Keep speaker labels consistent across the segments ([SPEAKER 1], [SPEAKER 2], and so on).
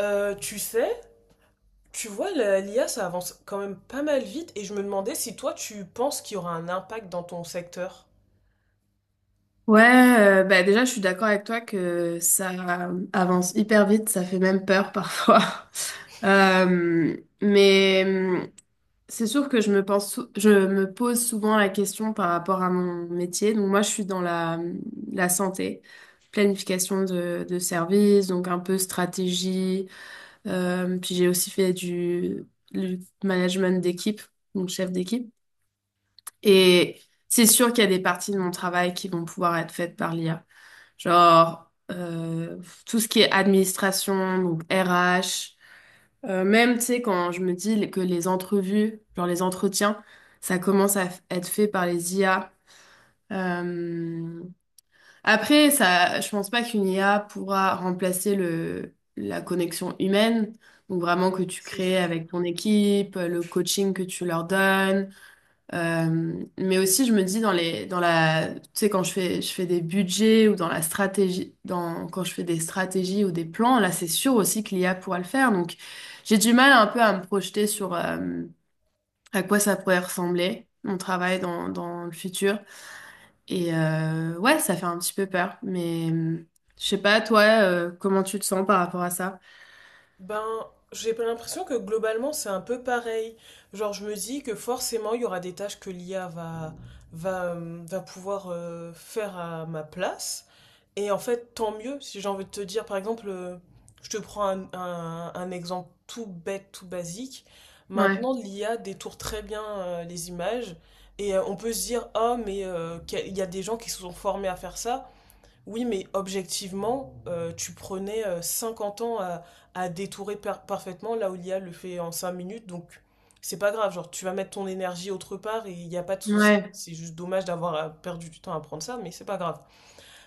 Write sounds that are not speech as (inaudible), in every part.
[SPEAKER 1] Tu sais, tu vois, l'IA, ça avance quand même pas mal vite et je me demandais si toi, tu penses qu'il y aura un impact dans ton secteur.
[SPEAKER 2] Ouais, bah déjà, je suis d'accord avec toi que ça avance hyper vite, ça fait même peur parfois. (laughs) Euh, mais c'est sûr que je me pose souvent la question par rapport à mon métier. Donc moi, je suis dans la santé, planification de services, donc un peu stratégie. Puis j'ai aussi fait du management d'équipe, donc chef d'équipe. Et c'est sûr qu'il y a des parties de mon travail qui vont pouvoir être faites par l'IA. Genre, tout ce qui est administration, donc RH, même, tu sais, quand je me dis que les entrevues, genre les entretiens, ça commence être fait par les IA. Euh, Après, ça, je pense pas qu'une IA pourra remplacer la connexion humaine, donc vraiment que tu
[SPEAKER 1] C'est
[SPEAKER 2] crées
[SPEAKER 1] sûr.
[SPEAKER 2] avec ton équipe, le coaching que tu leur donnes, mais aussi, je me dis dans les, dans la, tu sais, je fais des budgets ou dans la stratégie, quand je fais des stratégies ou des plans, là, c'est sûr aussi que l'IA pourra le faire. Donc, j'ai du mal un peu à me projeter sur à quoi ça pourrait ressembler, mon travail dans le futur. Et ouais, ça fait un petit peu peur. Mais je sais pas, toi, comment tu te sens par rapport à ça?
[SPEAKER 1] Ben, j'ai pas l'impression que globalement, c'est un peu pareil. Genre, je me dis que forcément, il y aura des tâches que l'IA va pouvoir faire à ma place. Et en fait, tant mieux, si j'ai envie de te dire, par exemple, je te prends un exemple tout bête, tout basique.
[SPEAKER 2] Ouais,
[SPEAKER 1] Maintenant, l'IA détourne très bien les images et on peut se dire, ah, mais il y a des gens qui se sont formés à faire ça. Oui, mais objectivement, tu prenais 50 ans à détourer parfaitement là où l'IA le fait en 5 minutes, donc c'est pas grave, genre tu vas mettre ton énergie autre part et il n'y a pas de souci.
[SPEAKER 2] ouais,
[SPEAKER 1] C'est juste dommage d'avoir perdu du temps à prendre ça, mais c'est pas grave.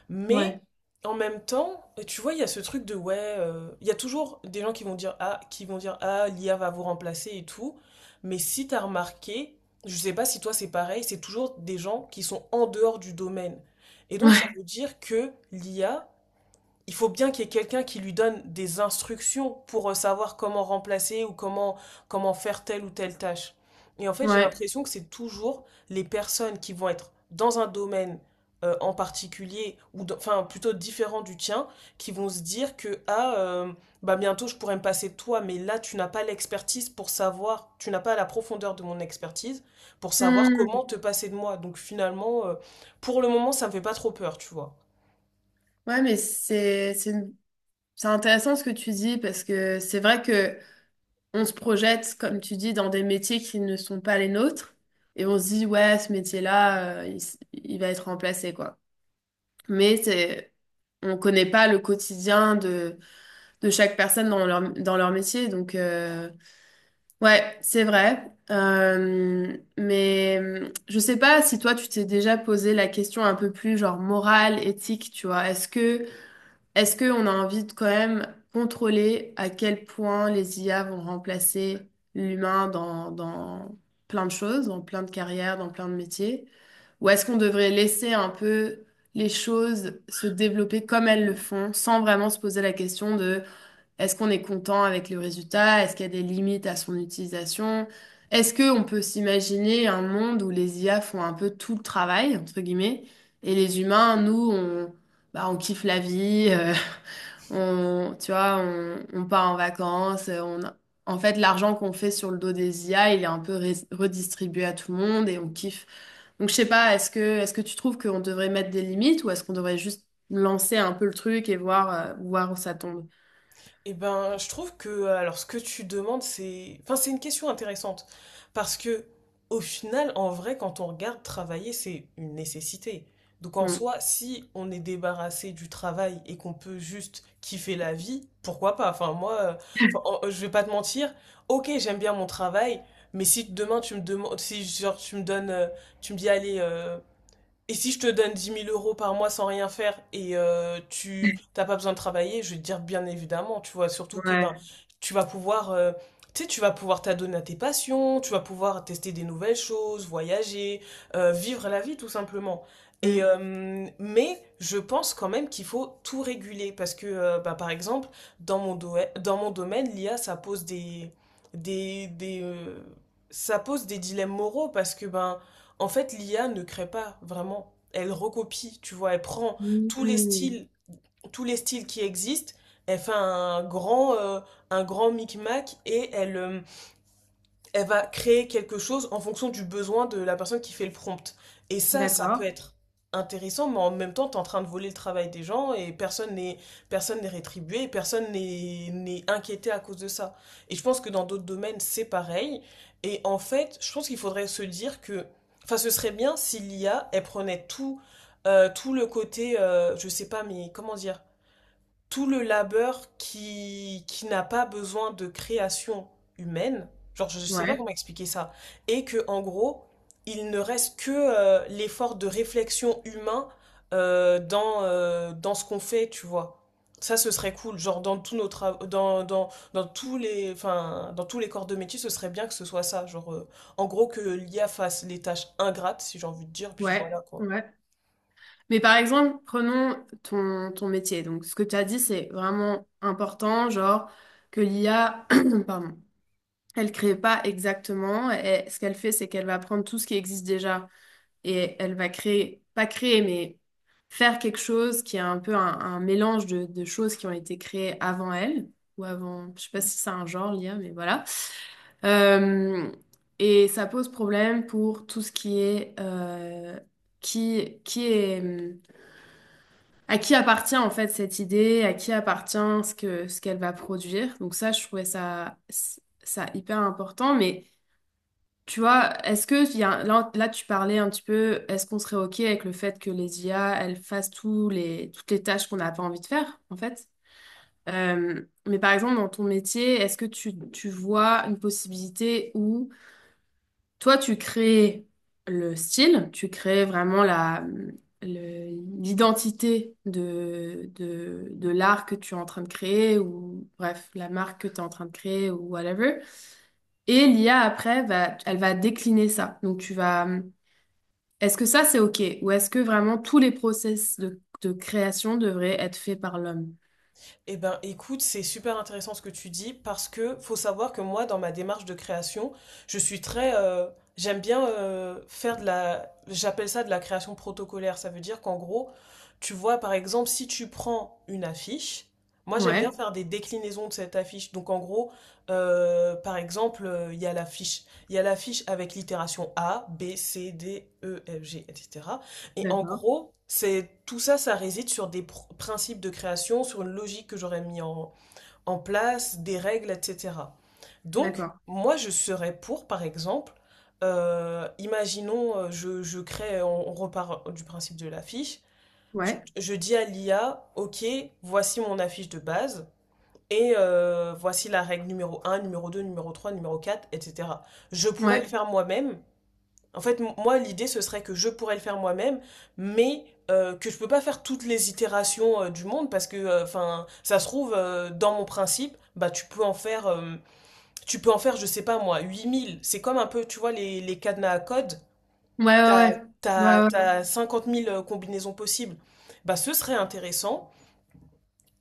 [SPEAKER 1] Mais
[SPEAKER 2] ouais,
[SPEAKER 1] en même temps, tu vois, il y a ce truc de il y a toujours des gens qui vont dire ah, l'IA va vous remplacer et tout. Mais si t'as remarqué, je sais pas si toi c'est pareil, c'est toujours des gens qui sont en dehors du domaine. Et donc ça
[SPEAKER 2] ouais,
[SPEAKER 1] veut dire que l'IA il faut bien qu'il y ait quelqu'un qui lui donne des instructions pour savoir comment remplacer ou comment faire telle ou telle tâche. Et en fait, j'ai
[SPEAKER 2] ouais.
[SPEAKER 1] l'impression que c'est toujours les personnes qui vont être dans un domaine en particulier, ou enfin plutôt différent du tien, qui vont se dire que ah, bah bientôt je pourrais me passer de toi, mais là tu n'as pas l'expertise pour savoir, tu n'as pas la profondeur de mon expertise pour savoir
[SPEAKER 2] Hmm.
[SPEAKER 1] comment te passer de moi. Donc finalement, pour le moment, ça me fait pas trop peur, tu vois.
[SPEAKER 2] Ouais, mais c'est intéressant ce que tu dis parce que c'est vrai que on se projette, comme tu dis, dans des métiers qui ne sont pas les nôtres et on se dit ouais, ce métier-là, il va être remplacé quoi. Mais c'est, on connaît pas le quotidien de chaque personne dans leur métier, donc ouais, c'est vrai. Mais je sais pas si toi tu t'es déjà posé la question un peu plus genre morale, éthique, tu vois. Est-ce qu'on a envie de quand même contrôler à quel point les IA vont remplacer l'humain dans plein de choses, dans plein de carrières, dans plein de métiers? Ou est-ce qu'on devrait laisser un peu les choses se développer comme elles le font, sans vraiment se poser la question de est-ce qu'on est content avec le résultat? Est-ce qu'il y a des limites à son utilisation? Est-ce qu'on peut s'imaginer un monde où les IA font un peu tout le travail, entre guillemets, et les humains, nous, on, bah, on kiffe la vie, (laughs) on part en vacances, en fait, l'argent qu'on fait sur le dos des IA, il est un peu redistribué à tout le monde et on kiffe. Donc, je sais pas, est-ce que tu trouves qu'on devrait mettre des limites ou est-ce qu'on devrait juste lancer un peu le truc et voir, voir où ça tombe?
[SPEAKER 1] Eh ben, je trouve que alors ce que tu demandes, c'est, enfin, c'est une question intéressante parce que au final, en vrai, quand on regarde travailler, c'est une nécessité. Donc en
[SPEAKER 2] Hmm.
[SPEAKER 1] soi, si on est débarrassé du travail et qu'on peut juste kiffer la vie, pourquoi pas? Enfin moi, enfin, je vais pas te mentir. Ok, j'aime bien mon travail, mais si demain tu me demandes, si genre tu me donnes, tu me dis allez et si je te donne 10 000 euros par mois sans rien faire et tu t'as pas besoin de travailler, je vais te dire bien évidemment, tu vois, surtout que ben
[SPEAKER 2] Ouais.
[SPEAKER 1] tu vas pouvoir tu sais, tu vas pouvoir t'adonner à tes passions, tu vas pouvoir tester des nouvelles choses, voyager, vivre la vie tout simplement.
[SPEAKER 2] Mm,
[SPEAKER 1] Mais je pense quand même qu'il faut tout réguler parce que bah, par exemple, dans mon domaine, l'IA des des euh, ça pose des dilemmes moraux parce que ben en fait, l'IA ne crée pas vraiment. Elle recopie, tu vois, elle prend tous les
[SPEAKER 2] mm.
[SPEAKER 1] styles, tous les styles qui existent, elle fait un grand micmac et elle va créer quelque chose en fonction du besoin de la personne qui fait le prompt. Et ça peut
[SPEAKER 2] D'accord.
[SPEAKER 1] être intéressant, mais en même temps, tu es en train de voler le travail des gens et personne n'est rétribué, et personne n'est inquiété à cause de ça. Et je pense que dans d'autres domaines, c'est pareil. Et en fait, je pense qu'il faudrait se dire que, enfin, ce serait bien si l'IA, elle prenait tout, tout le côté, je sais pas, mais comment dire, tout le labeur qui n'a pas besoin de création humaine. Genre, je ne sais pas
[SPEAKER 2] Ouais,
[SPEAKER 1] comment expliquer ça. Et que, en gros, il ne reste que l'effort de réflexion humain dans ce qu'on fait, tu vois. Ça, ce serait cool. Genre, dans tous les, enfin, dans tous les corps de métier, ce serait bien que ce soit ça. Genre, en gros, que l'IA fasse les tâches ingrates, si j'ai envie de dire, puis voilà,
[SPEAKER 2] ouais,
[SPEAKER 1] quoi.
[SPEAKER 2] ouais. Mais par exemple, prenons ton métier. Donc, ce que tu as dit, c'est vraiment important, genre que l'IA, (clears throat) pardon, elle crée pas exactement. Et ce qu'elle fait, c'est qu'elle va prendre tout ce qui existe déjà et elle va créer, pas créer, mais faire quelque chose qui est un peu un mélange de choses qui ont été créées avant elle ou avant, je sais pas si c'est un genre, l'IA, mais voilà. Euh, et ça pose problème pour tout ce qui est qui est à qui appartient en fait cette idée, à qui appartient ce qu'elle va produire. Donc ça, je trouvais ça hyper important. Mais tu vois, est-ce que il y a, là, là tu parlais un petit peu, est-ce qu'on serait ok avec le fait que les IA elles fassent tous les toutes les tâches qu'on n'a pas envie de faire en fait? Mais par exemple, dans ton métier, est-ce que tu vois une possibilité où toi, tu crées le style, tu crées vraiment l'identité de l'art que tu es en train de créer, ou bref, la marque que tu es en train de créer, ou whatever. Et l'IA, après, elle va décliner ça. Donc, tu vas... Est-ce que ça, c'est OK? Ou est-ce que vraiment tous les process de création devraient être faits par l'homme?
[SPEAKER 1] Eh ben, écoute, c'est super intéressant ce que tu dis parce que faut savoir que moi, dans ma démarche de création, je suis très, j'aime bien j'appelle ça de la création protocolaire. Ça veut dire qu'en gros, tu vois, par exemple, si tu prends une affiche, moi, j'aime bien
[SPEAKER 2] Ouais,
[SPEAKER 1] faire des déclinaisons de cette affiche. Donc, en gros, par exemple, il y a l'affiche avec l'itération A, B, C, D, E, F, G, etc. Et en
[SPEAKER 2] d'accord,
[SPEAKER 1] gros, c'est tout ça, ça réside sur des principes de création, sur une logique que j'aurais mis en place, des règles, etc. Donc,
[SPEAKER 2] d'accord.
[SPEAKER 1] moi, je serais pour, par exemple, imaginons, je crée, on repart du principe de l'affiche, je,
[SPEAKER 2] Ouais,
[SPEAKER 1] je dis à l'IA, OK, voici mon affiche de base, et voici la règle numéro un, numéro 2, numéro 3, numéro 4, etc. Je pourrais le
[SPEAKER 2] ouais,
[SPEAKER 1] faire moi-même, en fait, moi, l'idée, ce serait que je pourrais le faire moi-même, mais que je peux pas faire toutes les itérations du monde parce que, enfin, ça se trouve, dans mon principe, bah, tu peux en faire, je sais pas moi, 8 000. C'est comme un peu, tu vois, les cadenas à code.
[SPEAKER 2] ouais,
[SPEAKER 1] T'as,
[SPEAKER 2] ouais,
[SPEAKER 1] t'as,
[SPEAKER 2] ouais, ouais,
[SPEAKER 1] t'as 50 000 combinaisons possibles. Bah, ce serait intéressant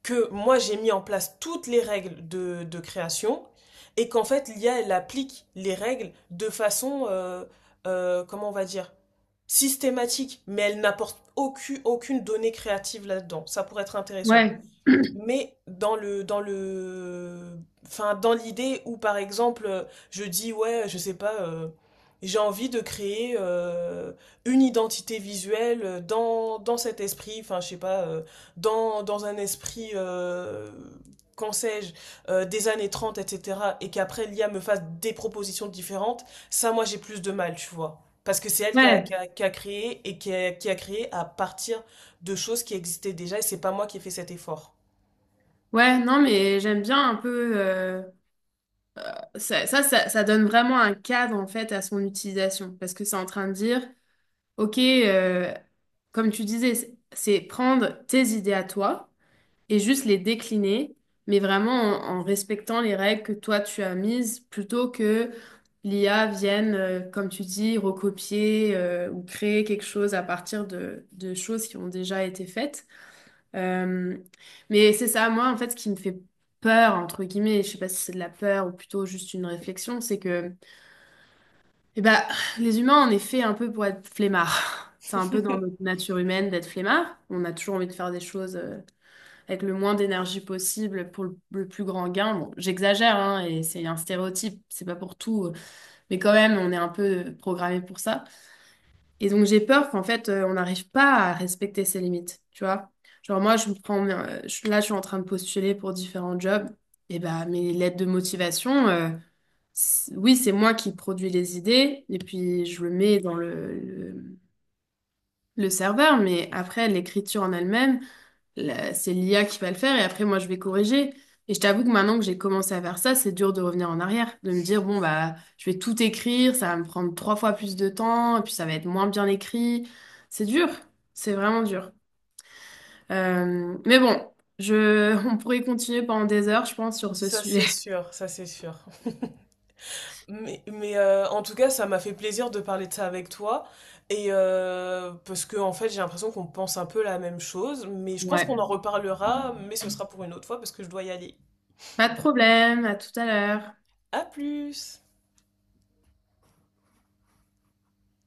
[SPEAKER 1] que moi j'ai mis en place toutes les règles de création et qu'en fait l'I a elle applique les règles de façon, comment on va dire, systématique, mais elle n'apporte aucune donnée créative là-dedans. Ça pourrait être intéressant.
[SPEAKER 2] ouais. Ouais.
[SPEAKER 1] Mais enfin, dans l'idée où, par exemple, je dis, ouais, je sais pas, j'ai envie de créer une identité visuelle dans cet esprit, enfin, je sais pas, dans un esprit, qu'en sais-je, des années 30, etc., et qu'après l'IA me fasse des propositions différentes, ça, moi, j'ai plus de mal, tu vois. Parce que c'est elle qui a,
[SPEAKER 2] Ouais.
[SPEAKER 1] qui
[SPEAKER 2] (clears throat)
[SPEAKER 1] a- qui a créé et qui a créé à partir de choses qui existaient déjà, et c'est pas moi qui ai fait cet effort.
[SPEAKER 2] Ouais, non, mais j'aime bien un peu. Ça ça donne vraiment un cadre en fait à son utilisation parce que c'est en train de dire, ok, comme tu disais, c'est prendre tes idées à toi et juste les décliner, mais vraiment en respectant les règles que toi tu as mises plutôt que l'IA vienne, comme tu dis, recopier ou créer quelque chose à partir de choses qui ont déjà été faites. Euh, mais c'est ça, moi, en fait, ce qui me fait peur, entre guillemets, je sais pas si c'est de la peur ou plutôt juste une réflexion, c'est que eh ben, les humains, on est fait un peu pour être flemmards. (laughs) C'est un peu dans notre nature humaine d'être flemmard. On a toujours envie de faire des choses avec le moins d'énergie possible pour le plus grand gain. Bon, j'exagère, hein, et c'est un stéréotype, c'est pas pour tout, mais quand même, on est un peu programmé pour ça. Et donc j'ai peur qu'en fait on n'arrive pas à respecter ses limites, tu vois. Genre moi je me prends là je suis en train de postuler pour différents jobs et bah mes lettres de motivation oui, c'est moi qui produis les idées et puis je le mets dans le serveur mais après l'écriture en elle-même, c'est l'IA qui va le faire et après moi je vais corriger. Et je t'avoue que maintenant que j'ai commencé à faire ça, c'est dur de revenir en arrière, de me dire bon bah je vais tout écrire, ça va me prendre 3 fois plus de temps et puis ça va être moins bien écrit. C'est dur, c'est vraiment dur. Mais bon, (laughs) on pourrait continuer pendant des heures, je pense, sur ce
[SPEAKER 1] Ça
[SPEAKER 2] sujet.
[SPEAKER 1] c'est sûr, ça c'est sûr. Mais, en tout cas, ça m'a fait plaisir de parler de ça avec toi. Et parce que en fait, j'ai l'impression qu'on pense un peu la même chose. Mais je pense qu'on
[SPEAKER 2] Ouais,
[SPEAKER 1] en reparlera, mais ce sera pour une autre fois parce que je dois y aller.
[SPEAKER 2] pas de problème, à tout à l'heure.
[SPEAKER 1] À plus!